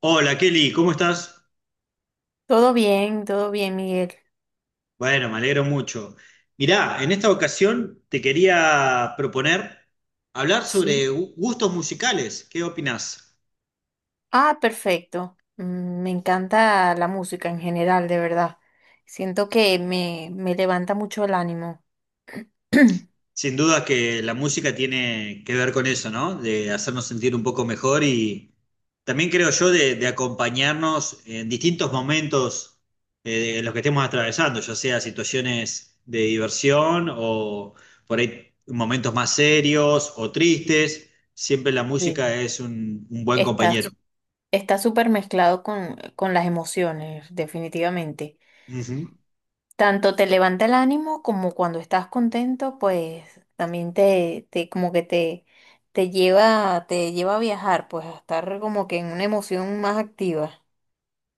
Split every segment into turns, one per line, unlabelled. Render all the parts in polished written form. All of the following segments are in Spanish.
Hola Kelly, ¿cómo estás?
Todo bien, Miguel.
Bueno, me alegro mucho. Mirá, en esta ocasión te quería proponer hablar
Sí.
sobre gustos musicales. ¿Qué opinás?
Ah, perfecto. Me encanta la música en general, de verdad. Siento que me levanta mucho el ánimo.
Sin duda que la música tiene que ver con eso, ¿no? De hacernos sentir un poco mejor y también creo yo de acompañarnos en distintos momentos en los que estemos atravesando, ya sea situaciones de diversión o por ahí momentos más serios o tristes. Siempre la música
Sí.
es un buen
Está,
compañero.
está súper mezclado con las emociones, definitivamente.
Ujú.
Tanto te levanta el ánimo como cuando estás contento, pues también te como que te lleva a viajar, pues a estar como que en una emoción más activa.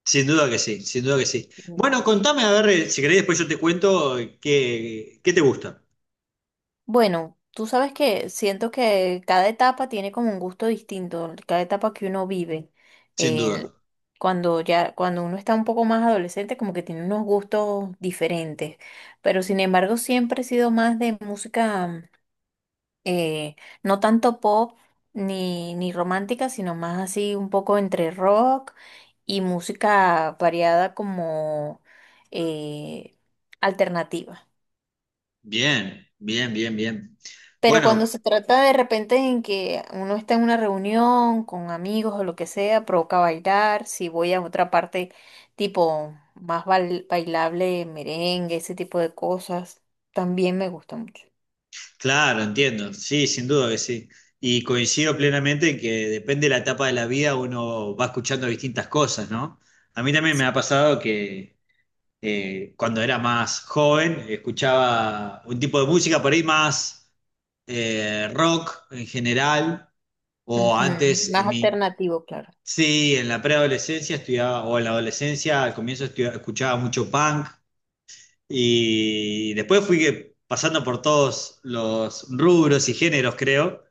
Sin duda que sí, sin duda que sí. Bueno, contame, a ver, si querés después yo te cuento qué te gusta,
Bueno, tú sabes que siento que cada etapa tiene como un gusto distinto, cada etapa que uno vive.
sin duda.
El- cuando uno está un poco más adolescente, como que tiene unos gustos diferentes. Pero sin embargo, siempre he sido más de música, eh, no tanto pop ni romántica, sino más así un poco entre rock y música variada como eh, alternativa.
Bien, bien, bien, bien.
Pero cuando
Bueno,
se trata de repente en que uno está en una reunión con amigos o lo que sea, provoca bailar. Si voy a otra parte tipo más bailable, merengue, ese tipo de cosas, también me gusta mucho.
claro, entiendo. Sí, sin duda que sí. Y coincido plenamente en que depende de la etapa de la vida uno va escuchando distintas cosas, ¿no? A mí también me ha pasado que cuando era más joven escuchaba un tipo de música por ahí más rock en general, o
Ujú.
antes
Más
en mi.
alternativo, claro.
Sí, en la preadolescencia estudiaba, o en la adolescencia al comienzo escuchaba mucho punk. Y después fui pasando por todos los rubros y géneros, creo.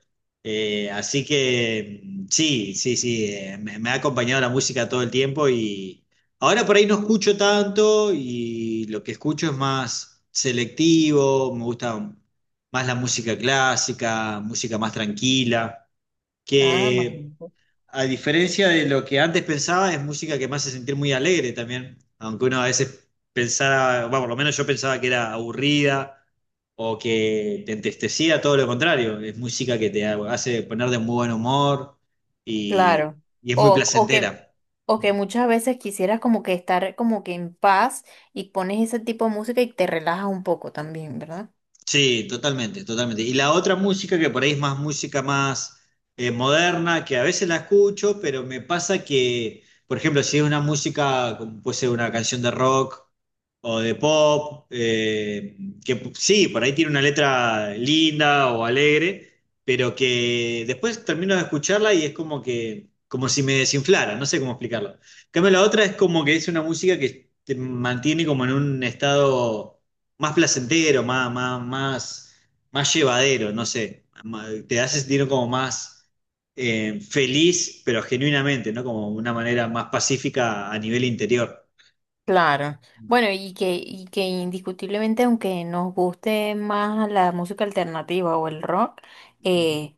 Así que sí, sí, sí, me ha acompañado la música todo el tiempo y ahora por ahí no escucho tanto y lo que escucho es más selectivo, me gusta más la música clásica, música más tranquila,
Ah, más
que
bonito.
a diferencia de lo que antes pensaba, es música que me hace sentir muy alegre también, aunque uno a veces pensara, bueno, por lo menos yo pensaba que era aburrida o que te entristecía, todo lo contrario, es música que te hace poner de muy buen humor y,
Claro.
y es muy
O que,
placentera.
o que muchas veces quisieras como que estar como que en paz y pones ese tipo de música y te relajas un poco también, ¿verdad?
Sí, totalmente, totalmente. Y la otra música que por ahí es más música más moderna, que a veces la escucho, pero me pasa que, por ejemplo, si es una música, como puede ser una canción de rock o de pop, sí, por ahí tiene una letra linda o alegre, pero que después termino de escucharla y es como que, como si me desinflara, no sé cómo explicarlo. En cambio, la otra es como que es una música que te mantiene como en un estado más placentero, más, más, más, más llevadero, no sé. Te hace sentir como más feliz, pero genuinamente, ¿no? Como una manera más pacífica a nivel interior.
Claro. Bueno, y que indiscutiblemente, aunque nos guste más la música alternativa o el rock, eh,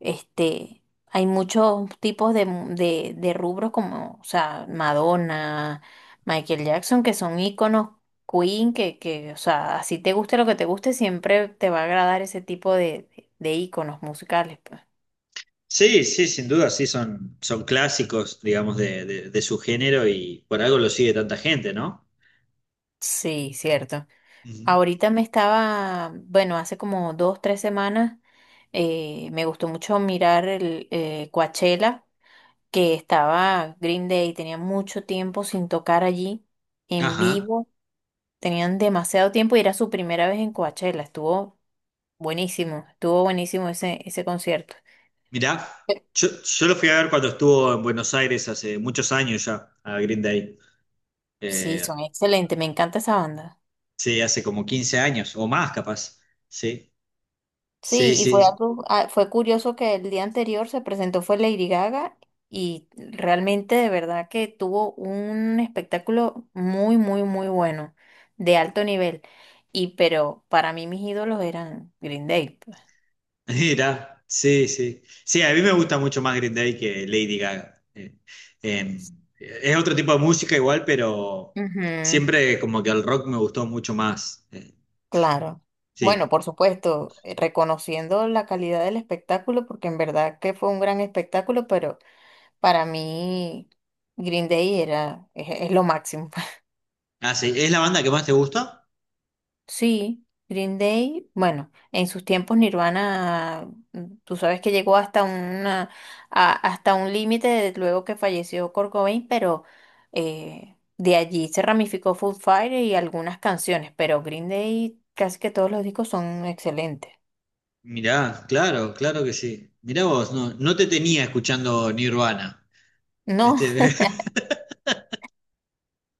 hay muchos tipos de rubros como, o sea, Madonna, Michael Jackson, que son íconos, Queen, que, o sea, así te guste lo que te guste, siempre te va a agradar ese tipo de íconos musicales, pues.
Sí, sí, sin duda, sí, son clásicos, digamos, de su género y por algo lo sigue tanta gente, ¿no?
Sí, cierto.
Ujú.
Ahorita bueno, hace como dos, tres semanas, me gustó mucho mirar el Coachella, que estaba Green Day, tenía mucho tiempo sin tocar allí en
Ajá.
vivo, tenían demasiado tiempo y era su primera vez en Coachella, estuvo buenísimo ese concierto.
Mirá, yo lo fui a ver cuando estuvo en Buenos Aires hace muchos años ya, a Green Day.
Sí, son
Eh,
excelentes, me encanta esa banda.
Sí, hace como 15 años o más, capaz. Sí,
Sí,
sí,
y fue
sí.
algo, ah, fue curioso que el día anterior se presentó fue Lady Gaga y realmente de verdad que tuvo un espectáculo muy, muy, muy bueno, de alto nivel. Y pero para mí mis ídolos eran Green Day, pues.
Mira, sí, sí. Sí, a mí me gusta mucho más Green Day que Lady Gaga. Eh, es otro tipo de música igual, pero
Ujú,
siempre como que el rock me gustó mucho más.
claro. Bueno,
Sí.
por supuesto, reconociendo la calidad del espectáculo, porque en verdad que fue un gran espectáculo, pero para mí Green Day era, es lo máximo.
Ah, sí. ¿Es la banda que más te gusta?
Sí, Green Day, bueno, en sus tiempos Nirvana, tú sabes que llegó hasta un límite luego que falleció Kurt Cobain, pero de allí se ramificó Foo Fighters y algunas canciones, pero Green Day casi que todos los discos son excelentes.
Mirá, claro, claro que sí. Mirá vos, no, no te tenía escuchando Nirvana.
No,
Este,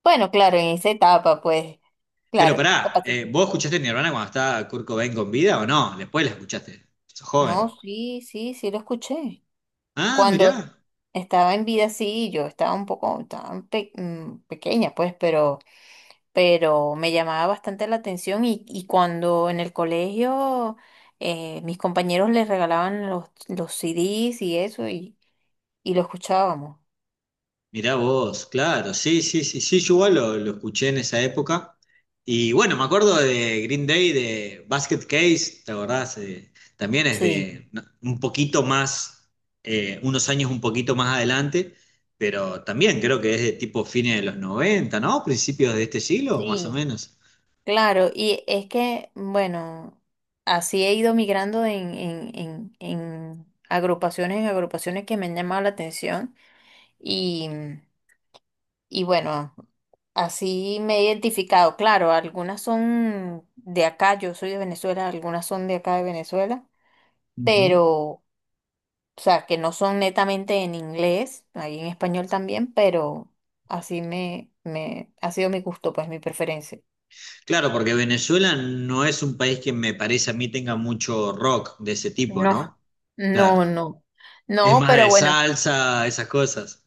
bueno, claro, en esa etapa, pues,
pero
claro.
pará, ¿vos escuchaste Nirvana cuando estaba Kurt Cobain con vida o no? Después la escuchaste. Sos joven.
No, sí, sí, sí lo escuché.
Ah,
Cuando
mirá,
estaba en vida, sí, yo estaba un poco, pequeña, pues, pero me llamaba bastante la atención y cuando en el colegio mis compañeros les regalaban los CDs y eso y lo escuchábamos.
mirá vos, claro, sí, sí, sí, sí, yo igual lo escuché en esa época. Y bueno, me acuerdo de Green Day, de Basket Case, ¿te acordás? También es
Sí,
de no, un poquito más, unos años un poquito más adelante, pero también creo que es de tipo fines de los 90, ¿no? Principios de este siglo, más o
sí,
menos.
claro, y es que, bueno, así he ido migrando en agrupaciones que me han llamado la atención y, y bueno, así me he identificado, claro, algunas son de acá, yo soy de Venezuela, algunas son de acá de Venezuela
Ujú.
pero, o sea, que no son netamente en inglés, hay en español también, pero así me ha sido mi gusto, pues mi preferencia.
Claro, porque Venezuela no es un país que me parece a mí tenga mucho rock de ese tipo,
No,
¿no? Claro.
no, no.
Es
No,
más
pero
de
bueno,
salsa, esas cosas.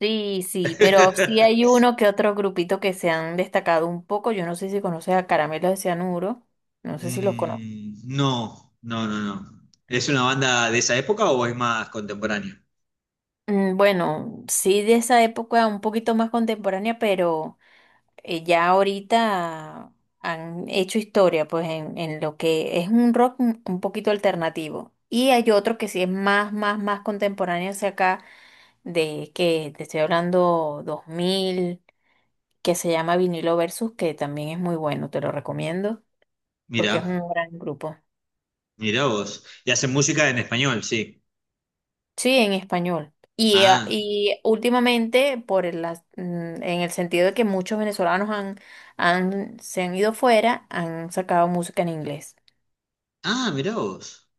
sí, sí, pero sí hay uno que otro grupito que se han destacado un poco. Yo no sé si conoces a Caramelos de Cianuro, no sé si los conoces.
No, no, no, no. ¿Es una banda de esa época o es más contemporánea?
Bueno, sí de esa época un poquito más contemporánea, pero ya ahorita han hecho historia, pues en lo que es un rock un poquito alternativo. Y hay otro que sí es más, más, más contemporáneo hacia acá, de que te estoy hablando 2000 que se llama Vinilo Versus, que también es muy bueno, te lo recomiendo, porque es
Mira,
un gran grupo.
mira vos. Y hacen música en español, sí.
Sí, en español. Y, eh,
Ah,
y últimamente, por el, as- mm, en el sentido de que muchos venezolanos se han ido fuera, han sacado música en inglés.
ah, mira vos.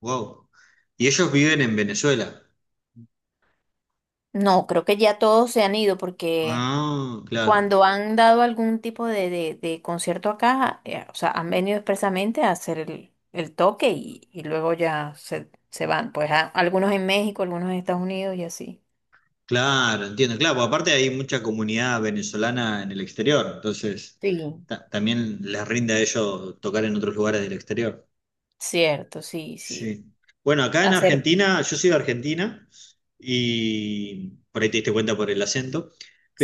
Wow. Y ellos viven en Venezuela.
No, creo que ya todos se han ido porque
Ah, claro,
cuando han dado algún tipo de concierto acá, o sea, han venido expresamente a hacer el toque y luego ya se van. Pues algunos en México, algunos en Estados Unidos y así.
claro, entiendo. Claro, porque aparte hay mucha comunidad venezolana en el exterior, entonces
Sí.
también les rinde a ellos tocar en otros lugares del exterior.
Cierto, sí, sí.
Sí. Bueno, acá en
Hacer bien.
Argentina, yo soy de Argentina y por ahí te diste cuenta por el acento,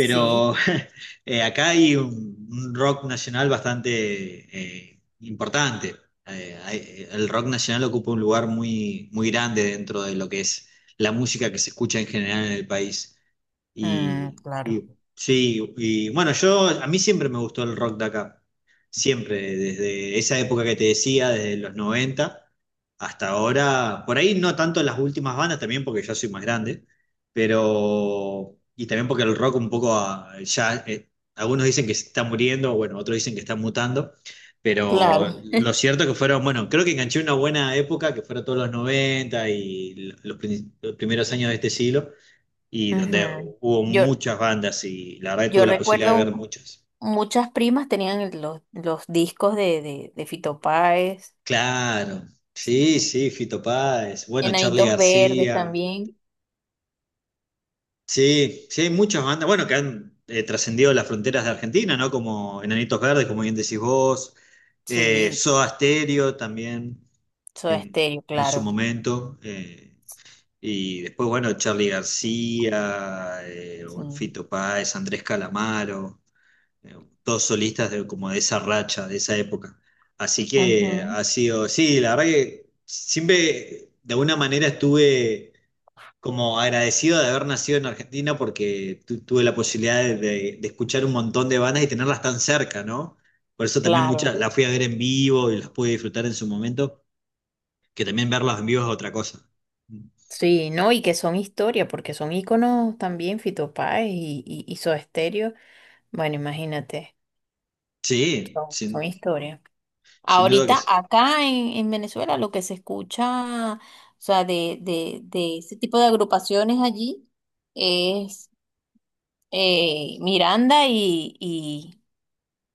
Sí.
acá hay un rock nacional bastante importante. El rock nacional ocupa un lugar muy, muy grande dentro de lo que es la música que se escucha en general en el país.
Mm, claro.
Sí, y bueno, yo a mí siempre me gustó el rock de acá. Siempre, desde esa época que te decía, desde los 90 hasta ahora. Por ahí no tanto las últimas bandas, también porque ya soy más grande, pero. Y también porque el rock un poco ya. Algunos dicen que se está muriendo, bueno, otros dicen que está mutando.
Claro.
Pero lo cierto que fueron, bueno, creo que enganché una buena época, que fueron todos los 90 y los primeros años de este siglo y donde
Ujú.
hubo
Yo,
muchas bandas y la verdad que tuve
yo
la posibilidad
recuerdo
de ver muchas.
muchas primas tenían los discos de Fito Páez.
Claro, sí,
Sí.
sí, Fito Páez, bueno, Charly
Enanitos Verdes
García,
también.
sí, sí, hay muchas bandas, bueno, que han trascendido las fronteras de Argentina, ¿no? Como Enanitos Verdes, como bien decís vos,
Sí,
Soda Stereo también
Soda
eh,
Estéreo,
en su
claro.
momento, y después, bueno, Charly García,
Sí,
bueno, Fito Páez, Andrés Calamaro. eh, todos solistas como de esa racha, de esa época. Así que
ujú,
ha sido, sí, la verdad que siempre de alguna manera estuve como agradecido de haber nacido en Argentina porque tuve la posibilidad de escuchar un montón de bandas y tenerlas tan cerca, ¿no? Por eso también muchas
claro.
las fui a ver en vivo y las pude disfrutar en su momento, que también verlas en vivo es otra cosa.
Sí, no, y que son historia, porque son íconos también, Fito Páez y Soda Stereo. Bueno, imagínate,
Sí,
son
sin,
historia.
sin duda que
Ahorita
sí.
acá en Venezuela lo que se escucha, o sea, de ese tipo de agrupaciones allí es Miranda y, y,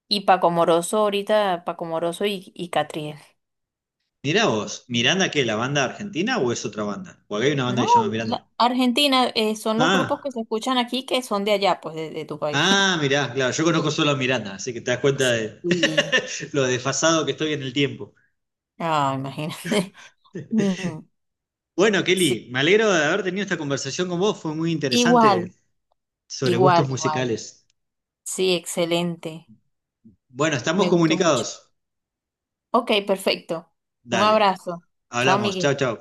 y Paco Moroso ahorita, Paco Moroso y Catriel.
Mirá vos, ¿Miranda qué? ¿La banda argentina o es otra banda? Porque acá hay una banda
No,
que se llama Miranda.
Argentina, son los grupos que
Ah.
se escuchan aquí que son de allá, pues de tu país.
Ah, mirá, claro, yo conozco solo a Miranda, así que te das cuenta de
Y,
lo desfasado que estoy en el tiempo.
ah, imagínate. Mm,
Bueno, Kelly,
Sí,
me alegro de haber tenido esta conversación con vos, fue muy interesante
igual,
sobre
igual,
gustos
igual.
musicales.
Sí, excelente.
Bueno, estamos
Me gustó mucho.
comunicados.
Ok, perfecto. Un
Dale,
abrazo. Chao,
hablamos, chao,
Miguel.
chao.